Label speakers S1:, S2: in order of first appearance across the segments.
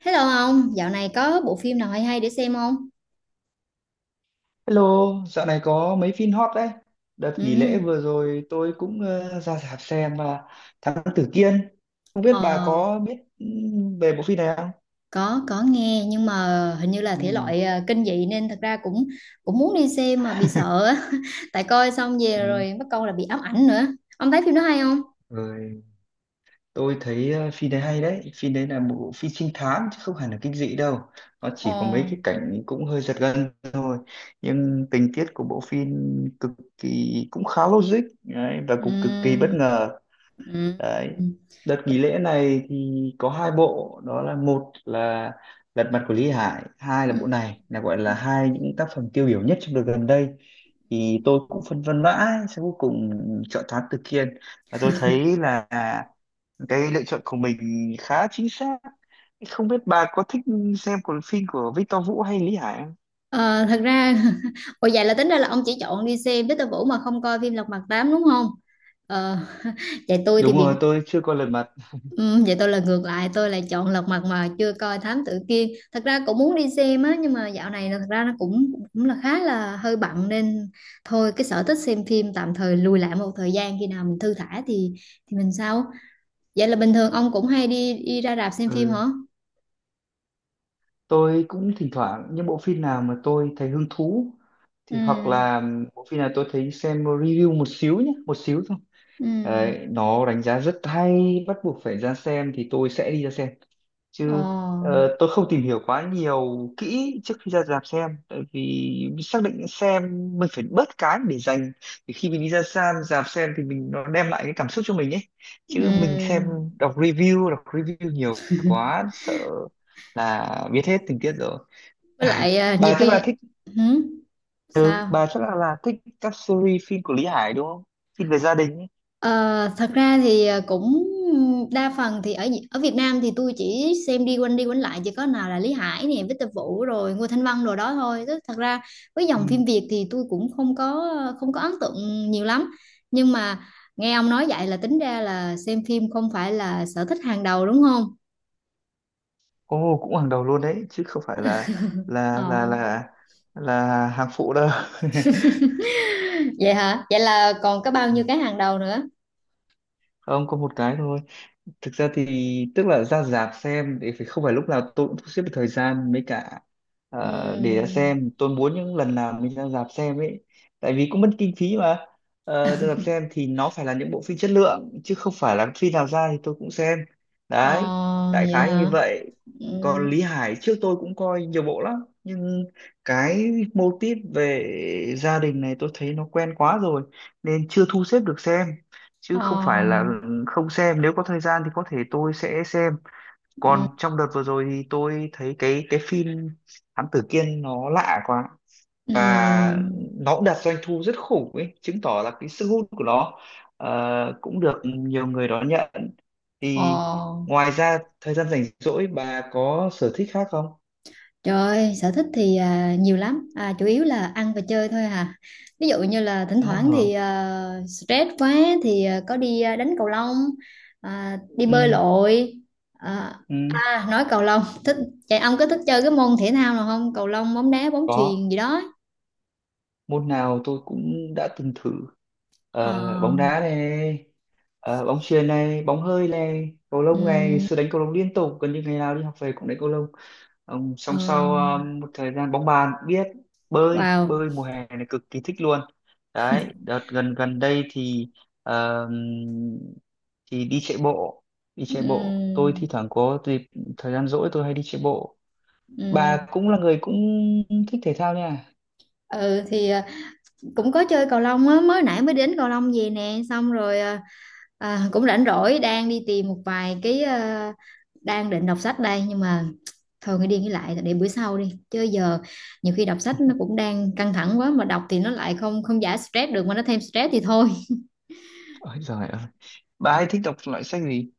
S1: Hello ông, dạo này có bộ phim nào hay hay để xem không?
S2: Hello, dạo này có mấy phim hot đấy. Đợt
S1: Ừ,
S2: nghỉ lễ
S1: ừ.
S2: vừa rồi tôi cũng ra rạp xem Thám Tử Kiên. Không biết bà
S1: ờ,
S2: có biết về bộ phim này không?
S1: có nghe nhưng mà hình như là thể
S2: Ừ.
S1: loại kinh dị nên thật ra cũng cũng muốn đi xem mà bị sợ á. Tại coi xong về
S2: Ừ.
S1: rồi bắt câu là bị ám ảnh nữa. Ông thấy phim đó hay không?
S2: Rồi tôi thấy phim đấy hay đấy. Phim đấy là một bộ phim trinh thám chứ không hẳn là kinh dị đâu. Nó chỉ có mấy
S1: Ồ.
S2: cái cảnh cũng hơi giật gân thôi. Nhưng tình tiết của bộ phim cực kỳ cũng khá logic đấy, và cũng cực kỳ bất
S1: Ừm.
S2: ngờ
S1: Ừm.
S2: đấy.
S1: Ừm.
S2: Đợt nghỉ lễ này thì có 2 bộ, đó là: một là Lật Mặt của Lý Hải, hai là bộ này, là gọi là hai những tác phẩm tiêu biểu nhất trong đợt gần đây. Thì tôi cũng phân vân mãi sau cuối cùng chọn Thám Tử Kiên và tôi thấy là cái lựa chọn của mình khá chính xác. Không biết bà có thích xem của phim của Victor Vũ hay Lý Hải không?
S1: Ờ, thật ra. Ồ, vậy là tính ra là ông chỉ chọn đi xem Victor Vũ mà không coi phim Lật Mặt 8 đúng không? Ờ, Vậy tôi thì
S2: Đúng
S1: bị.
S2: rồi, tôi chưa coi Lật Mặt.
S1: Ừ, vậy tôi là ngược lại, tôi lại chọn Lật Mặt mà chưa coi Thám Tử Kiên, thật ra cũng muốn đi xem á nhưng mà dạo này là, thật ra nó cũng cũng là khá là hơi bận nên thôi, cái sở thích xem phim tạm thời lùi lại một thời gian, khi nào mình thư thả thì mình sau. Vậy là bình thường ông cũng hay đi đi ra rạp xem phim
S2: Ừ,
S1: hả?
S2: tôi cũng thỉnh thoảng những bộ phim nào mà tôi thấy hứng thú
S1: Ừ.
S2: thì, hoặc là bộ phim nào tôi thấy xem review một xíu nhé, một xíu thôi,
S1: Ừ.
S2: đấy nó đánh giá rất hay bắt buộc phải ra xem thì tôi sẽ đi ra xem.
S1: Ồ.
S2: Chứ tôi không tìm hiểu quá nhiều kỹ trước khi ra rạp xem, tại vì xác định xem mình phải bớt cái để dành để khi mình đi ra xem rạp xem thì mình nó đem lại cái cảm xúc cho mình ấy, chứ mình xem
S1: Ừ.
S2: đọc review, đọc review nhiều quá sợ là biết hết tình tiết rồi.
S1: Với lại, nhiều
S2: Bà chắc là
S1: khi.
S2: thích.
S1: Hử?
S2: Ừ,
S1: Sao?
S2: bà chắc là thích các series phim của Lý Hải, đúng không, phim về gia đình ấy.
S1: Ờ, Thật ra thì cũng đa phần thì ở ở Việt Nam thì tôi chỉ xem đi quanh lại, chỉ có nào là Lý Hải nè, Victor Vũ rồi Ngô Thanh Vân rồi đó thôi. Tức thật ra với dòng phim
S2: Ừ.
S1: Việt thì tôi cũng không có ấn tượng nhiều lắm. Nhưng mà nghe ông nói vậy là tính ra là xem phim không phải là sở thích hàng đầu đúng không?
S2: Ồ, cũng hàng đầu luôn đấy, chứ không phải là là là
S1: Ờ.
S2: là là hàng phụ đâu.
S1: Vậy hả? Vậy là còn có bao nhiêu
S2: Ừ.
S1: cái hàng đầu nữa?
S2: Không có một cái thôi, thực ra thì tức là ra rạp xem thì phải, không phải lúc nào tôi cũng sắp xếp được thời gian, với cả để ra
S1: Ừm.
S2: xem, tôi muốn những lần nào mình ra rạp xem ấy, tại vì cũng mất kinh phí mà. Ờ, ra rạp xem thì nó phải là những bộ phim chất lượng chứ không phải là phim nào ra thì tôi cũng xem,
S1: Ờ,
S2: đấy, đại
S1: vậy
S2: khái như
S1: hả?
S2: vậy. Còn
S1: Ừm.
S2: Lý Hải trước tôi cũng coi nhiều bộ lắm nhưng cái mô típ về gia đình này tôi thấy nó quen quá rồi nên chưa thu xếp được xem, chứ không phải
S1: Ờ.
S2: là không xem, nếu có thời gian thì có thể tôi sẽ xem.
S1: Ừm.
S2: Còn trong đợt vừa rồi thì tôi thấy cái phim Thám Tử Kiên nó lạ quá và
S1: Ừm.
S2: nó cũng đạt doanh thu rất khủng ấy, chứng tỏ là cái sức hút của nó, cũng được nhiều người đón nhận. Thì
S1: Ờ,
S2: ngoài ra thời gian rảnh rỗi bà có sở thích khác không?
S1: Trời ơi, sở thích thì nhiều lắm, chủ yếu là ăn và chơi thôi à. Ví dụ như là thỉnh
S2: Ờ,
S1: thoảng thì stress quá thì có đi đánh cầu lông, đi
S2: ừ,
S1: bơi lội. À,
S2: ừ,
S1: nói cầu lông, thích, chạy. Ông có thích chơi cái môn thể thao nào không? Cầu lông, bóng đá, bóng
S2: có
S1: chuyền gì đó.
S2: môn nào tôi cũng đã từng thử.
S1: Ờ.
S2: Ờ, bóng đá này, bóng chuyền này, bóng hơi này, cầu lông này, ngày
S1: Ừm.
S2: xưa đánh cầu lông liên tục gần như ngày nào đi học về cũng đánh cầu lông. Xong
S1: Ờ.
S2: song sau một thời gian bóng bàn cũng biết, bơi
S1: Wow.
S2: bơi mùa hè này cực kỳ thích luôn. Đấy, đợt gần gần đây thì ờ, thì đi chạy bộ, đi chạy bộ tôi thi
S1: Ừm.
S2: thoảng có dịp thời gian rỗi tôi hay đi chạy bộ. Bà
S1: Ừm.
S2: cũng là người cũng thích thể thao nha.
S1: Ừ thì cũng có chơi cầu lông á, mới nãy mới đến cầu lông về nè, xong rồi cũng rảnh rỗi đang đi tìm một vài cái, đang định đọc sách đây nhưng mà thôi, nghĩ đi nghĩ lại để bữa sau đi chứ giờ nhiều khi đọc sách nó cũng đang căng thẳng quá mà đọc thì nó lại không không giải stress được mà nó thêm stress thì thôi.
S2: Ôi giời ơi, bà hay thích đọc loại sách gì?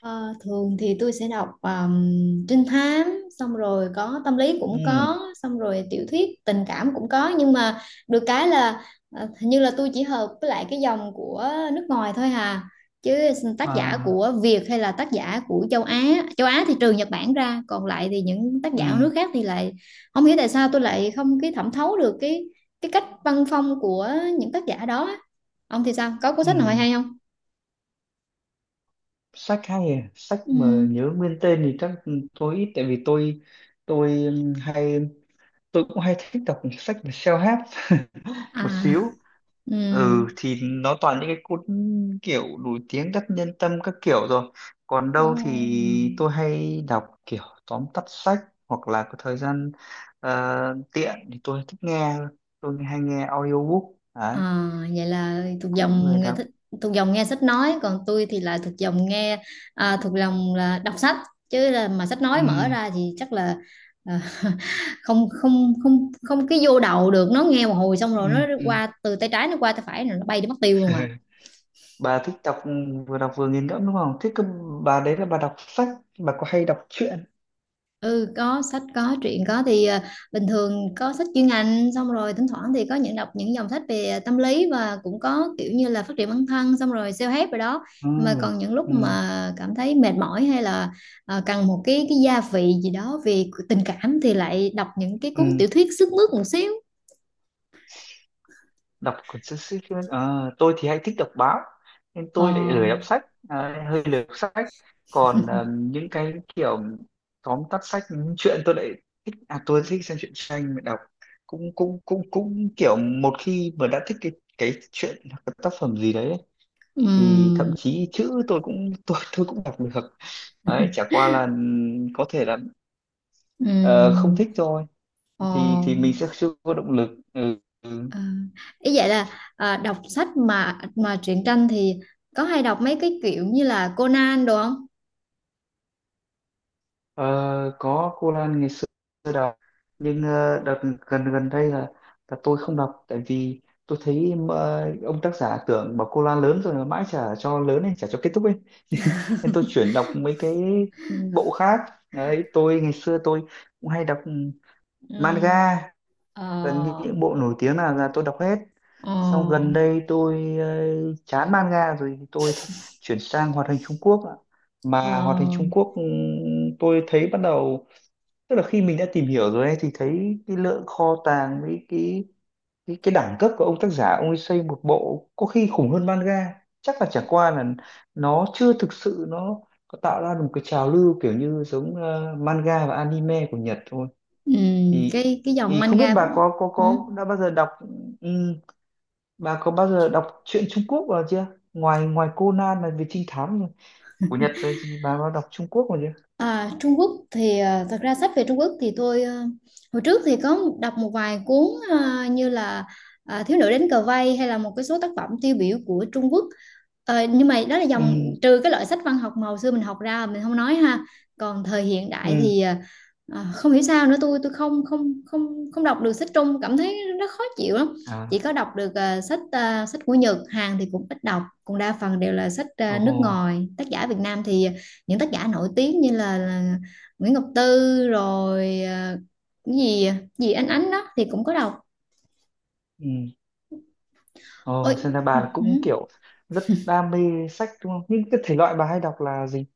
S1: Ờ, Thường thì tôi sẽ đọc trinh thám, xong rồi có tâm lý cũng
S2: Ừ.
S1: có, xong rồi tiểu thuyết tình cảm cũng có, nhưng mà được cái là hình như là tôi chỉ hợp với lại cái dòng của nước ngoài thôi hà, chứ tác giả
S2: Ờ,
S1: của Việt hay là tác giả của châu Á, châu Á thì trừ Nhật Bản ra, còn lại thì những tác giả ở nước
S2: ừ,
S1: khác thì lại không hiểu tại sao tôi lại không cái thẩm thấu được cái cách văn phong của những tác giả đó á. Ông thì sao, có cuốn
S2: ừ,
S1: sách nào hay hay không?
S2: sách hay à? Sách
S1: Ừ.
S2: mà nhớ nguyên tên thì chắc tôi ít, tại vì tôi hay tôi cũng hay thích đọc sách về self-help
S1: À.
S2: một xíu.
S1: Ừ.
S2: Ừ thì nó toàn những cái cuốn kiểu nổi tiếng đắc nhân tâm các kiểu rồi. Còn
S1: Ồ.
S2: đâu thì tôi hay đọc kiểu tóm tắt sách, hoặc là có thời gian tiện thì tôi thích nghe, tôi hay nghe audiobook. Đấy,
S1: À, vậy là thuộc
S2: cũng lười
S1: dòng nghe
S2: đọc.
S1: thích, thuộc dòng nghe sách nói, còn tôi thì là thuộc dòng nghe, thuộc lòng là đọc sách, chứ là mà sách nói mở
S2: Ừ,
S1: ra thì chắc là à, không không không không cái vô đầu được, nó nghe một hồi xong rồi nó
S2: ừ, ừ.
S1: qua từ tay trái, nó qua tay phải rồi nó bay đi mất tiêu luôn à.
S2: Bà thích đọc, vừa đọc vừa nghiền ngẫm đúng không, thế cơ bà, đấy là bà đọc sách, bà có hay đọc truyện?
S1: Ừ, có sách có truyện có thì bình thường có sách chuyên ngành, xong rồi thỉnh thoảng thì có những đọc những dòng sách về tâm lý, và cũng có kiểu như là phát triển bản thân xong rồi self-help rồi đó,
S2: Ừ,
S1: nhưng mà còn những lúc
S2: ừ,
S1: mà cảm thấy mệt mỏi hay là cần một cái gia vị gì đó về tình cảm thì lại đọc những cái cuốn
S2: ừ.
S1: tiểu thuyết sức mướt một xíu.
S2: Đọc cuốn sách, sách truyện. Ờ, tôi thì hay thích đọc báo nên
S1: Ờ.
S2: tôi lại lười đọc sách. Đấy, hơi lười đọc sách. Còn những cái kiểu tóm tắt sách những truyện tôi lại thích. À, tôi thích xem truyện tranh mà đọc cũng cũng cũng cũng kiểu một khi mà đã thích cái chuyện hoặc cái tác phẩm gì đấy thì thậm
S1: Ừm.
S2: chí chữ tôi cũng tôi cũng đọc được. Đấy chả qua là có thể là ờ, không
S1: Ừm.
S2: thích thôi,
S1: Ờ.
S2: thì mình sẽ chưa có động lực. Ừ. Ừ.
S1: Ờ. Ý vậy là đọc sách mà truyện tranh thì có hay đọc mấy cái kiểu như là Conan đồ không?
S2: Ờ, có cô Lan ngày xưa tôi đọc, nhưng đợt gần gần đây là tôi không đọc, tại vì tôi thấy ông tác giả tưởng bảo cô Lan lớn rồi mà mãi chả cho lớn ấy, chả cho kết thúc ấy. Nên tôi chuyển đọc mấy cái bộ khác. Đấy tôi ngày xưa tôi cũng hay đọc
S1: Ừ.
S2: manga, gần như
S1: Ờ.
S2: những bộ nổi tiếng là tôi đọc hết. Xong gần
S1: Ờ.
S2: đây tôi chán manga rồi thì chuyển sang hoạt hình Trung Quốc ạ.
S1: Ờ.
S2: Mà hoạt hình Trung Quốc tôi thấy bắt đầu, tức là khi mình đã tìm hiểu rồi ấy, thì thấy cái lượng kho tàng với cái đẳng cấp của ông tác giả ông ấy xây một bộ có khi khủng hơn manga, chắc là chả qua là nó chưa thực sự nó có tạo ra được một cái trào lưu kiểu như giống manga và anime của Nhật thôi.
S1: Ừ,
S2: thì
S1: cái dòng
S2: thì không biết
S1: manga.
S2: bà
S1: Ừ.
S2: có đã bao giờ đọc, ừm, bà có bao giờ đọc truyện Trung Quốc vào chưa, ngoài ngoài Conan là về trinh thám của Nhật rồi thì bà có đọc Trung Quốc vào chưa?
S1: À, Trung Quốc thì thật ra sách về Trung Quốc thì tôi hồi trước thì có đọc một vài cuốn, như là Thiếu nữ đến cờ vây, hay là một cái số tác phẩm tiêu biểu của Trung Quốc. Nhưng mà đó là dòng,
S2: Ừ,
S1: trừ cái loại sách văn học mà hồi xưa mình học ra mình không nói ha, còn thời hiện
S2: ừ,
S1: đại thì không hiểu sao nữa, tôi không không không không đọc được sách Trung, cảm thấy nó khó chịu lắm, chỉ
S2: à,
S1: có đọc được sách của Nhật Hàn thì cũng ít đọc, còn đa phần đều là sách
S2: ồ
S1: nước
S2: hồ,
S1: ngoài, tác giả Việt Nam thì những tác giả nổi tiếng như là Nguyễn Ngọc Tư rồi cái gì gì Ánh Ánh đó thì cũng có đọc.
S2: ừ.
S1: Ôi,
S2: Ồ, xem ra bà là cũng kiểu rất đam mê sách đúng không, những cái thể loại bà hay đọc là gì?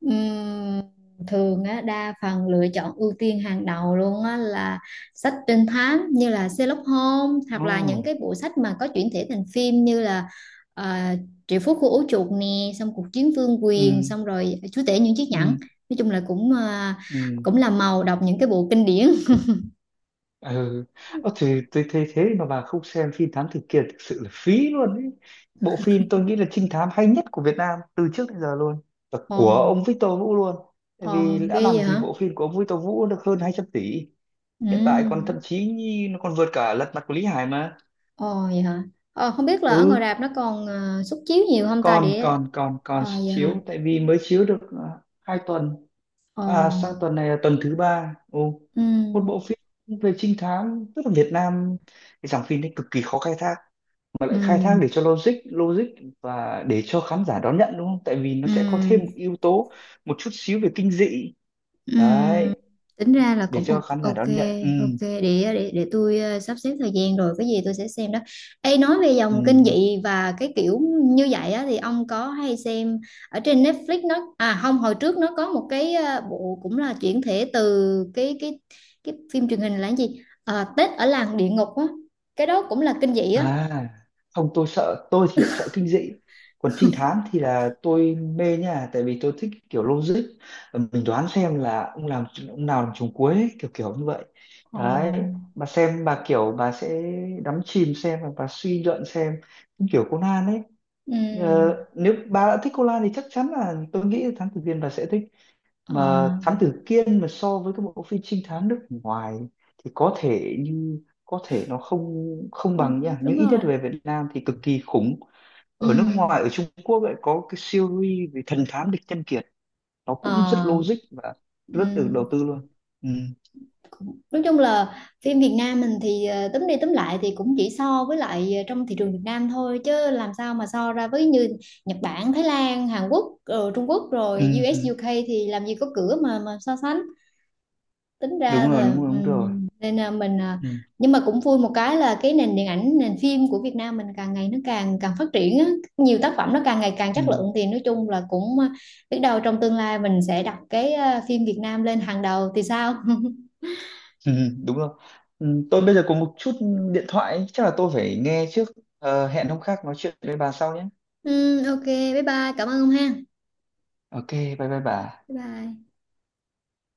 S1: ừm, thường á, đa phần lựa chọn ưu tiên hàng đầu luôn á, là sách trinh thám như là Sherlock Holmes, hoặc
S2: Ồ,
S1: là những cái bộ sách mà có chuyển thể thành phim như là uh, Triệu Phú Khu Ố Chuột nè, xong Cuộc Chiến Vương
S2: ừ,
S1: Quyền, xong rồi Chúa Tể Những Chiếc
S2: ừ,
S1: Nhẫn. Nói chung là cũng ờ,
S2: ừ,
S1: cũng là màu đọc những cái bộ kinh điển.
S2: ừ. Ơ thì tôi thấy thế mà bà không xem phim Thám Tử Kiên thực sự là phí luôn ấy. Bộ phim tôi nghĩ là trinh thám hay nhất của Việt Nam từ trước đến giờ luôn, và
S1: Ồ.
S2: của ông Victor Vũ luôn, tại
S1: Ồ,
S2: vì
S1: ghê
S2: đã làm
S1: vậy
S2: gì
S1: hả?
S2: bộ phim của ông Victor Vũ được hơn 200 tỷ. Hiện tại còn
S1: Ừ.
S2: thậm chí nó còn vượt cả Lật Mặt của Lý Hải mà.
S1: Ồ, vậy hả? Không biết là ở
S2: Ừ,
S1: ngoài rạp nó còn suất chiếu nhiều không ta
S2: còn
S1: để.
S2: còn còn còn
S1: Vậy hả?
S2: chiếu, tại vì mới chiếu được à, 2 tuần,
S1: Ồ.
S2: à, sang tuần này là tuần thứ ba. Ồ,
S1: Ừ.
S2: một bộ phim về trinh thám, tức là Việt Nam cái dòng phim đấy cực kỳ khó khai thác, mà
S1: Ừ.
S2: lại khai thác để cho logic logic và để cho khán giả đón nhận, đúng không, tại vì nó
S1: Ừ.
S2: sẽ có thêm một yếu tố một chút xíu về kinh dị.
S1: Ừm,
S2: Đấy,
S1: tính ra là
S2: để
S1: cũng o-
S2: cho khán giả
S1: ok
S2: đón nhận. Ừ,
S1: ok Để tôi sắp xếp thời gian rồi cái gì tôi sẽ xem đó. Ê, nói về dòng kinh
S2: ừ.
S1: dị và cái kiểu như vậy á thì ông có hay xem ở trên Netflix nó à không, hồi trước nó có một cái, bộ cũng là chuyển thể từ cái phim truyền hình là cái gì? Ờ, Tết ở làng địa ngục á. Cái đó cũng là kinh dị á.
S2: À, không tôi sợ, tôi thì lại sợ kinh dị. Còn trinh thám thì là tôi mê nha, tại vì tôi thích kiểu logic. Mình đoán xem là ông làm, ông nào làm trùng cuối ấy, kiểu kiểu như vậy.
S1: Ờ.
S2: Đấy, bà xem bà kiểu bà sẽ đắm chìm xem và bà suy luận xem. Cũng kiểu Conan ấy.
S1: Ừm.
S2: Ờ, nếu bà đã thích Conan thì chắc chắn là tôi nghĩ là Thám Tử Kiên bà sẽ thích. Mà
S1: ờ,
S2: Thám Tử Kiên mà so với các bộ phim trinh thám nước ngoài thì có thể nó không không
S1: Không,
S2: bằng nha,
S1: đúng
S2: nhưng ít nhất
S1: rồi.
S2: về Việt Nam thì cực kỳ khủng. Ở nước
S1: Ừm.
S2: ngoài, ở Trung Quốc lại có cái series về thần thám Địch Nhân Kiệt, nó cũng rất
S1: Ờ.
S2: logic và rất được
S1: Ừm.
S2: đầu tư luôn. Ừ,
S1: Nói chung là phim Việt Nam mình thì túm đi túm lại thì cũng chỉ so với lại trong thị trường Việt Nam thôi, chứ làm sao mà so ra với như Nhật Bản, Thái Lan, Hàn Quốc, Trung Quốc rồi
S2: ừ,
S1: U.S,
S2: ừ,
S1: UK thì làm gì có cửa mà so sánh. Tính ra
S2: đúng rồi,
S1: là
S2: đúng rồi, đúng rồi,
S1: nên là mình,
S2: ừ,
S1: nhưng mà cũng vui một cái là cái nền điện ảnh, nền phim của Việt Nam mình càng ngày nó càng càng phát triển á, nhiều tác phẩm nó càng ngày càng
S2: ừ,
S1: chất lượng thì nói chung là cũng, biết đâu trong tương lai mình sẽ đặt cái phim Việt Nam lên hàng đầu thì sao?
S2: ừ, đúng rồi. Ừ, tôi bây giờ có một chút điện thoại chắc là tôi phải nghe trước. Ờ, hẹn hôm khác nói chuyện với bà sau nhé.
S1: Ừ, ok, bye bye, cảm ơn ông ha.
S2: Ok, bye bye bà.
S1: Bye bye.